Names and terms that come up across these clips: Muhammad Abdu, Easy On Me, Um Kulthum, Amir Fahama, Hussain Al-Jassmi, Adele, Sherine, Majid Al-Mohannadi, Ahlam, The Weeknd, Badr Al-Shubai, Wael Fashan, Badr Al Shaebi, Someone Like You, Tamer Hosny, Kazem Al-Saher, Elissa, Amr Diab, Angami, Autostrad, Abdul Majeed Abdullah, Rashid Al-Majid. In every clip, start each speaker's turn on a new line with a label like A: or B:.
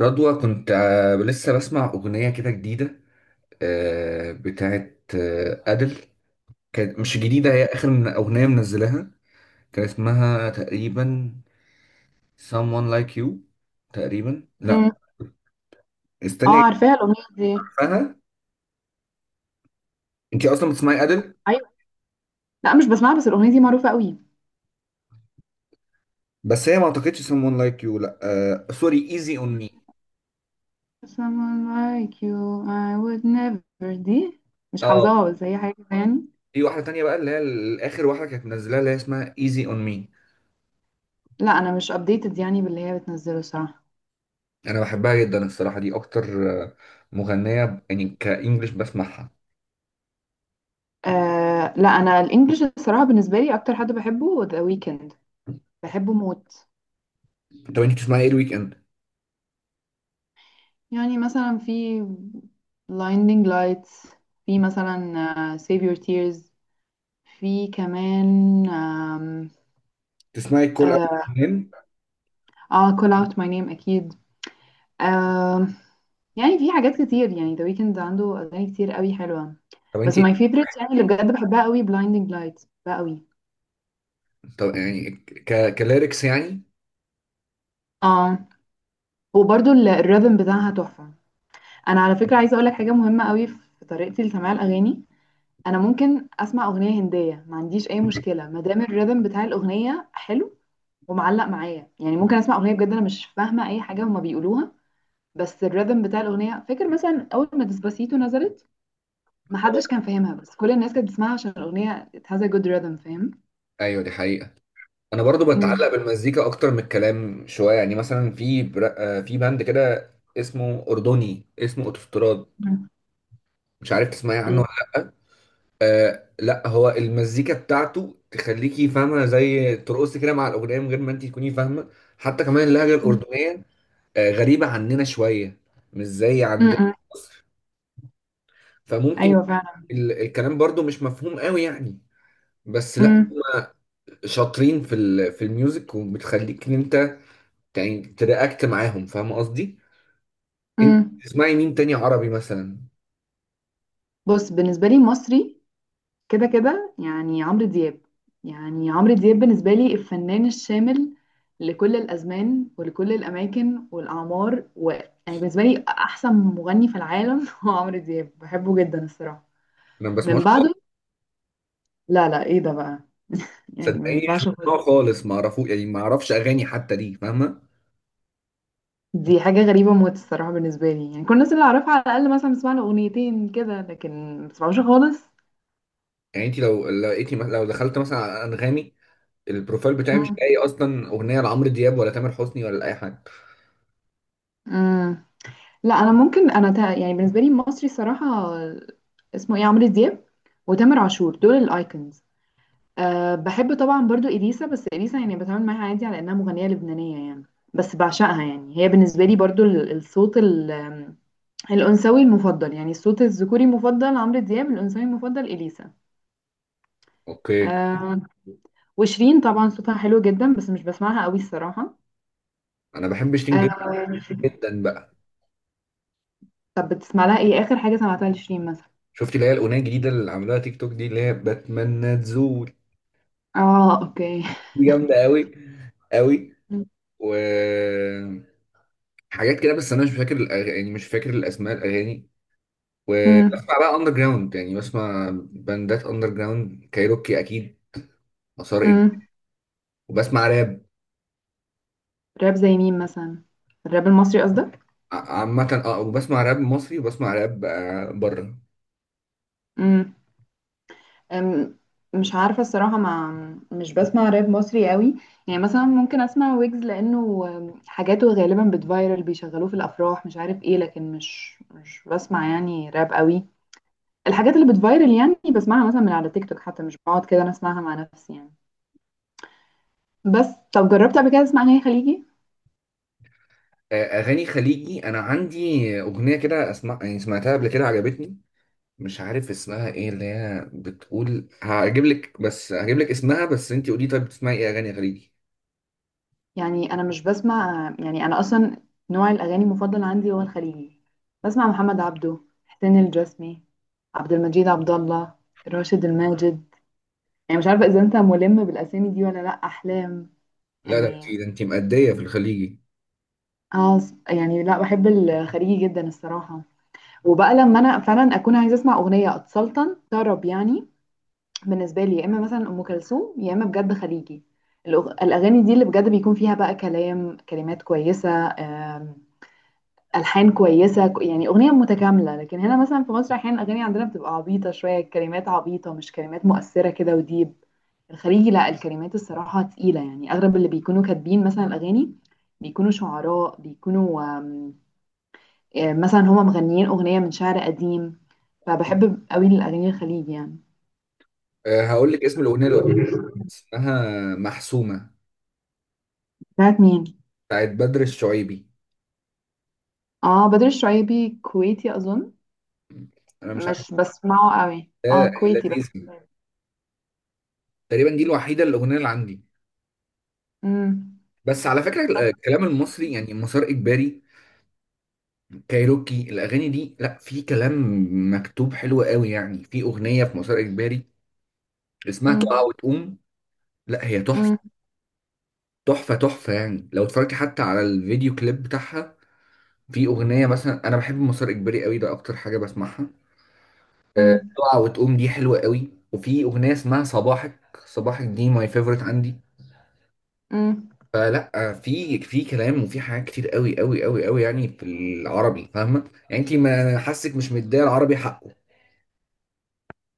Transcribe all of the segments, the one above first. A: رضوى كنت لسه بسمع أغنية كده جديدة، بتاعت أدل. كانت مش جديدة، هي آخر من أغنية منزلها. كان اسمها تقريبا Someone Like You. تقريبا لا.
B: مم. اه
A: استني
B: عارفاها الاغنيه دي.
A: أفهمها. أنت أصلا بتسمعي أدل؟
B: ايوه. لا، مش بسمعها بس الاغنيه دي معروفه قوي.
A: بس هي ما أعتقدش Someone Like You، لا سوري Easy On Me.
B: someone like you I would never دي مش
A: أه.
B: حافظاها بس هي حاجه كده يعني.
A: في واحدة تانية بقى اللي هي آخر واحدة كانت منزلها اللي هي اسمها Easy On Me.
B: لا، انا مش updated يعني باللي هي بتنزله الصراحه.
A: أنا بحبها جدا الصراحة، دي أكتر مغنية يعني كإنجلش بسمعها.
B: آه، لا انا الانجليش الصراحه بالنسبه لي اكتر حد بحبه ذا ويكند، بحبه موت.
A: طب انت بتسمعي ايه الويك اند؟
B: يعني مثلا في blinding lights، في مثلا save your tears، في كمان
A: تسمعي الكل اول
B: اه،
A: منين؟
B: call out my name اكيد. آم، يعني في حاجات كتير، يعني ذا ويكند عنده اغاني كتير قوي حلوه.
A: طب انت،
B: بس ماي فيفرت يعني اللي بجد بحبها قوي بلايندنج لايت، بحبها قوي.
A: طب يعني كليركس يعني.
B: اه، وبرده الريذم بتاعها تحفه. انا على فكره عايزه اقول لك حاجه مهمه قوي في طريقتي لسماع الاغاني. انا ممكن اسمع اغنيه هنديه، ما عنديش اي مشكله ما دام الريذم بتاع الاغنيه حلو ومعلق معايا. يعني ممكن اسمع اغنيه بجد انا مش فاهمه اي حاجه هما بيقولوها بس الريذم بتاع الاغنيه. فاكر مثلا اول ما ديسباسيتو نزلت، محدش كان فاهمها بس كل الناس كانت بتسمعها عشان الاغنيه it has a good rhythm، فاهم؟
A: ايوه دي حقيقة. انا برضو
B: مم.
A: بتعلق بالمزيكا اكتر من الكلام شوية، يعني مثلا في بر... آه، في باند كده اسمه اردني، اسمه اوتوستراد.
B: مم.
A: مش عارف تسمعي عنه
B: لا.
A: ولا لا. لا، هو المزيكا بتاعته تخليكي فاهمة، زي ترقصي كده مع الأغنية من غير ما انت تكوني فاهمة. حتى كمان اللهجة
B: مم.
A: الأردنية غريبة عننا شوية، مش زي عندنا
B: مم.
A: في مصر. فممكن
B: ايوه فعلا.
A: الكلام برضو مش مفهوم قوي يعني. بس لا،
B: مم.
A: هما شاطرين في الميوزك، وبتخليك ان انت يعني ترياكت معاهم، فاهم قصدي. انت
B: مم.
A: بتسمعي مين تاني عربي مثلا؟
B: بص، بالنسبه لي مصري كده كده يعني عمرو دياب. يعني عمرو دياب بالنسبه لي الفنان الشامل لكل الازمان ولكل الاماكن والاعمار يعني بالنسبه لي احسن مغني في العالم هو عمرو دياب، بحبه جدا الصراحه.
A: انا ما بسمعوش
B: من
A: خالص.
B: بعده. لا، لا، ايه ده بقى؟ يعني ما
A: صدقيني مش
B: ينفعش خالص.
A: بسمعه خالص، ما اعرفوش يعني، ما اعرفش اغاني حتى دي، فاهمه.
B: دي حاجه غريبه موت الصراحه، بالنسبه لي يعني كل الناس اللي اعرفها على الاقل مثلا بسمع له اغنيتين كده لكن ما بسمعوش خالص.
A: يعني انت لو لقيتي لو دخلت مثلا على انغامي، البروفايل بتاعي مش لاقي اصلا اغنيه لعمرو دياب ولا تامر حسني ولا لاي حد.
B: امم لا، انا ممكن يعني بالنسبه لي مصري الصراحه، اسمه ايه، عمرو دياب وتامر عاشور دول الايكونز. أه، بحب طبعا برضو اليسا، بس اليسا يعني بتعامل معاها عادي على انها مغنيه لبنانيه يعني. بس بعشقها، يعني هي بالنسبه لي برضو الصوت الانثوي المفضل، يعني الصوت الذكوري المفضل عمرو دياب، الانثوي المفضل اليسا.
A: اوكي.
B: أه، وشيرين طبعا صوتها حلو جدا بس مش بسمعها قوي الصراحه.
A: انا بحب شيرين جدا،
B: أه.
A: جدا بقى.
B: طب بتسمع لها ايه؟ اخر حاجه سمعتها لشيرين مثلا؟
A: شفتي اللي هي الاغنيه الجديده اللي عملوها تيك توك دي، اللي هي بتمنى تزول؟
B: اه، اوكي.
A: دي جامده قوي قوي. وحاجات كده، بس انا مش فاكر يعني مش فاكر الاسماء الاغاني.
B: امم.
A: وبسمع بقى اندر جراوند، يعني بسمع باندات اندر جراوند، كايروكي اكيد، مسار،
B: امم.
A: وبسمع راب.
B: راب زي مين مثلا؟ الراب المصري قصدك؟
A: عامه اه، وبسمع راب مصري وبسمع راب بره.
B: امم. أم، مش عارفه الصراحه، مع، مش بسمع راب مصري قوي. يعني مثلا ممكن اسمع ويجز لانه حاجاته غالبا بتفايرل بيشغلوه في الافراح مش عارف ايه، لكن مش بسمع يعني راب قوي. الحاجات اللي بتفايرل يعني بسمعها مثلا من على تيك توك حتى، مش بقعد كده انا اسمعها مع نفسي يعني. بس طب جربت قبل كده تسمع اغاني خليجي؟
A: اغاني خليجي انا عندي اغنيه كده اسمع، يعني سمعتها قبل كده عجبتني. مش عارف اسمها ايه، اللي هي بتقول هجيب لك، بس هجيب لك اسمها. بس انت قولي، طيب بتسمعي ايه اغاني خليجي؟
B: يعني انا مش بسمع، يعني انا اصلا نوع الاغاني المفضل عندي هو الخليجي. بسمع محمد عبده، حسين الجسمي، عبد المجيد عبد الله، راشد الماجد، يعني مش عارفه اذا انت ملم بالاسامي دي ولا لا، احلام.
A: لا، ده انت
B: يعني
A: ده انت مأدية في الخليجي.
B: اه، يعني لا، بحب الخليجي جدا الصراحه. وبقى لما انا فعلا اكون عايزه اسمع اغنيه اتسلطن طرب يعني، بالنسبه لي يا اما مثلا ام كلثوم يا اما بجد خليجي. الاغاني دي اللي بجد بيكون فيها بقى كلام، كلمات كويسه، ألحان كويسة يعني أغنية متكاملة، لكن هنا مثلًا في مصر أحيانًا الأغاني عندنا بتبقى عبيطة شوية، الكلمات عبيطة، مش كلمات مؤثرة كده وdeep. الخليجي لأ، الكلمات الصراحة تقيلة، يعني أغلب اللي بيكونوا كاتبين مثلًا الأغاني بيكونوا شعراء، بيكونوا آمم، مثلًا هم مغنيين أغنية من شعر قديم، فباحب أوي الأغاني الخليجي يعني.
A: أه، هقول لك اسم الأغنية اللي قلت لك. اسمها محسومة،
B: بتاعة مين؟
A: بتاعت بدر الشعيبي.
B: آه، بدر الشعيبي كويتي أظن.
A: أنا مش عارف.
B: مش باسمعه أوي.
A: ده
B: كويتي بدر
A: لذيذ.
B: الشعيبي.
A: تقريبا دي الوحيدة الأغنية اللي عندي.
B: إمم.
A: بس على فكرة
B: بالضبط.
A: الكلام المصري يعني مسار إجباري، كايروكي، الأغاني دي لا، في كلام مكتوب حلو قوي يعني. في أغنية في مسار إجباري اسمها تقع
B: إمم.
A: وتقوم. لا هي تحفة
B: إمم.
A: تحفة تحفة، يعني لو اتفرجتي حتى على الفيديو كليب بتاعها. في أغنية مثلا، أنا بحب مسار إجباري قوي، ده أكتر حاجة بسمعها.
B: إمم.
A: تقع وتقوم دي حلوة قوي، وفي أغنية اسمها صباحك. صباحك دي ماي فيفورت عندي.
B: إمم.
A: فلا، في كلام وفي حاجات كتير قوي قوي قوي قوي يعني في العربي، فاهمة يعني، انت ما حاسك مش مديه العربي حقه.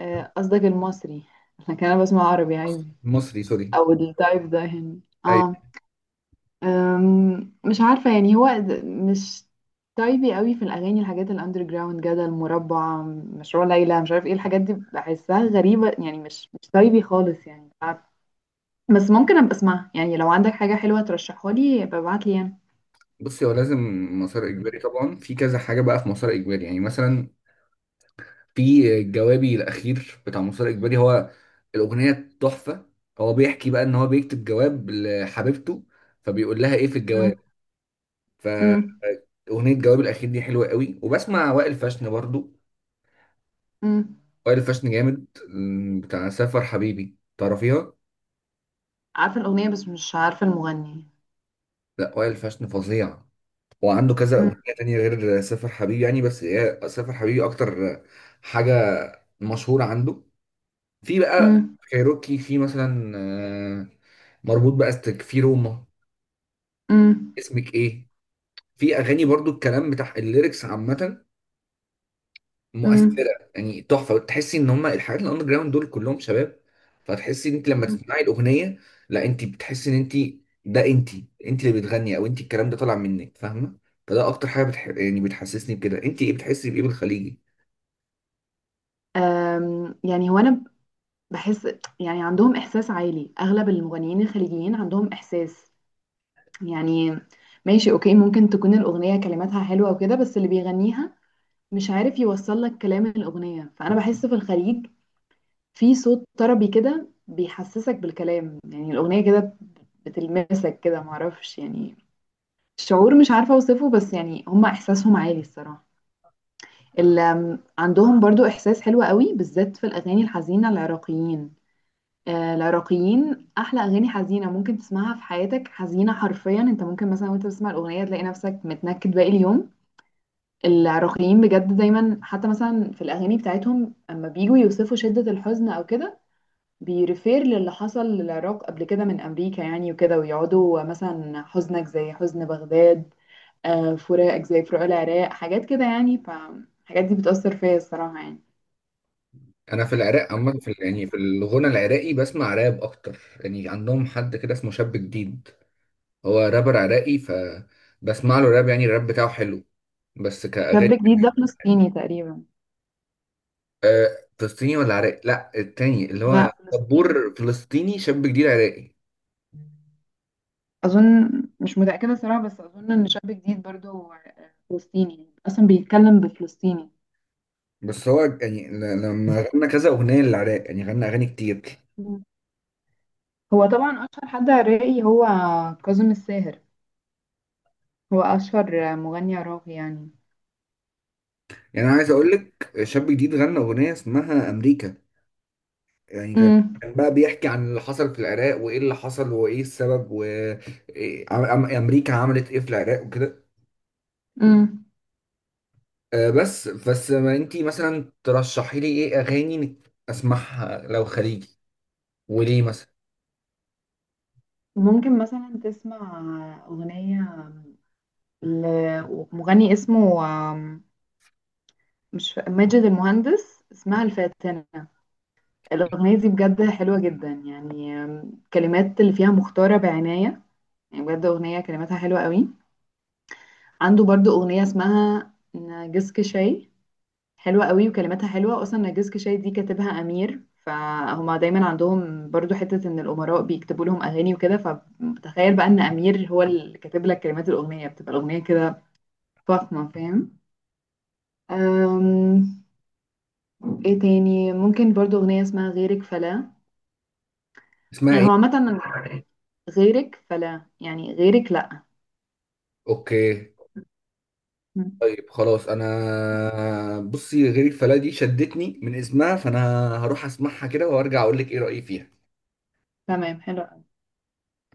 B: آه، قصدك المصري؟ لكن انا بسمع عربي عادي
A: المصري سوري.
B: او التايب ده هنا.
A: ايوه.
B: اه. مش عارفه يعني هو مش تايبي قوي في الاغاني، الحاجات الاندر جراوند جدل مربع مشروع ليلى مش عارف ايه، الحاجات دي بحسها غريبه يعني، مش تايبي خالص يعني، مش عارفة. بس ممكن ابقى اسمعها، يعني لو عندك حاجه حلوه ترشحها لي ابقى ابعت لي يعني.
A: بصي هو لازم مسار اجباري طبعا، في كذا حاجة بقى في مسار اجباري، يعني مثلا في جوابي الأخير بتاع مسار اجباري، هو الأغنية تحفة. هو بيحكي بقى ان هو بيكتب جواب لحبيبته، فبيقول لها ايه في
B: أم.
A: الجواب. ف
B: أم.
A: اغنيه الجواب الاخير دي حلوه قوي. وبسمع وائل فاشن برضو.
B: أم.
A: وائل فاشن جامد، بتاع سافر حبيبي، تعرفيها؟
B: عارفه الاغنيه بس مش عارفه المغني.
A: لا، وائل فاشن فظيع، وعنده كذا
B: أم.
A: اغنيه تانية غير سافر حبيبي يعني، بس هي سافر حبيبي اكتر حاجه مشهوره عنده. في بقى
B: أم.
A: كايروكي في مثلا مربوط، بقى استك في روما،
B: أم.
A: اسمك ايه. في اغاني برضو الكلام بتاع الليركس عامه
B: أم.
A: مؤثره يعني، تحفه، وتحسي ان هم الحاجات الاندر جراوند دول كلهم شباب. فتحسي ان انت لما تسمعي الاغنيه، لا انت بتحسي ان انت، ده انت اللي بتغني، او انت الكلام ده طالع منك، فاهمه. فده اكتر حاجه يعني بتحسسني بكده. انت ايه بتحسي بايه بالخليجي؟
B: يعني هو انا بحس، يعني عندهم إحساس عالي، أغلب المغنيين الخليجيين عندهم إحساس يعني، ماشي، أوكي ممكن تكون الأغنية كلماتها حلوة وكده بس اللي بيغنيها مش عارف يوصل لك كلام الأغنية، فأنا بحس في الخليج في صوت طربي كده بيحسسك بالكلام، يعني الأغنية كده بتلمسك كده، معرفش يعني، شعور مش عارفة أوصفه بس يعني هما إحساسهم عالي الصراحة. عندهم برضو إحساس حلو قوي بالذات في الأغاني الحزينة، العراقيين. العراقيين احلى اغاني حزينه ممكن تسمعها في حياتك، حزينه حرفيا، انت ممكن مثلا وانت بتسمع الاغنيه تلاقي نفسك متنكد باقي اليوم. العراقيين بجد دايما حتى مثلا في الاغاني بتاعتهم اما بيجوا يوصفوا شده الحزن او كده، بيرفير للي حصل للعراق قبل كده من امريكا يعني وكده، ويقعدوا مثلا حزنك زي حزن بغداد، فراقك زي فراق العراق، حاجات كده يعني، فالحاجات دي بتأثر فيا الصراحه يعني.
A: انا في العراق عامه، في يعني في الغنى العراقي بسمع راب اكتر. يعني عندهم حد كده اسمه شاب جديد، هو رابر عراقي، فبسمع له راب. يعني الراب بتاعه حلو بس
B: شاب
A: كأغاني.
B: جديد ده فلسطيني تقريبا.
A: فلسطيني ولا عراقي؟ لا، التاني اللي
B: لا،
A: هو
B: فلسطيني
A: طبور فلسطيني، شاب جديد عراقي.
B: أظن، مش متأكدة صراحة بس أظن إن شاب جديد برضه هو فلسطيني يعني، أصلا بيتكلم بفلسطيني.
A: بس هو يعني لما غنى كذا أغنية للعراق يعني، غنى أغاني كتير.
B: مم. هو طبعا أشهر حد عراقي هو كاظم الساهر، هو أشهر مغني عراقي يعني.
A: يعني أنا عايز أقول لك، شاب جديد غنى أغنية اسمها أمريكا. يعني كان
B: مم.
A: كان بقى بيحكي عن اللي حصل في العراق، وإيه اللي حصل وإيه السبب، وأمريكا عملت إيه في العراق وكده.
B: مم.
A: بس ما أنتي مثلا ترشحي لي إيه أغاني أسمعها لو خليجي، وليه مثلا.
B: ممكن مثلا تسمع أغنية لمغني اسمه آم، مش فا- ماجد المهندس، اسمها الفاتنة. الأغنية دي بجد حلوة جدا يعني، الكلمات اللي فيها مختارة بعناية، يعني بجد أغنية كلماتها حلوة قوي. عنده برضو أغنية اسمها نرجسك شاي، حلوة قوي وكلماتها حلوة، أصلا نرجسك شاي دي كاتبها أمير، فهما دايما عندهم برضو حتة إن الأمراء بيكتبوا لهم أغاني وكده، فتخيل بقى إن أمير هو اللي كاتب لك كلمات الأغنية بتبقى الأغنية كده فخمة، فاهم؟ أم... إيه تاني؟ ممكن برضو أغنية اسمها غيرك فلا.
A: اسمها
B: يعني
A: إيه؟
B: هو عامة، غيرك فلا يعني غيرك لأ.
A: أوكي.
B: مم.
A: طيب خلاص، انا بصي، غير الفلا دي شدتني من اسمها، فانا هروح اسمعها كده وارجع اقول لك ايه رأيي فيها.
B: تمام، حلو.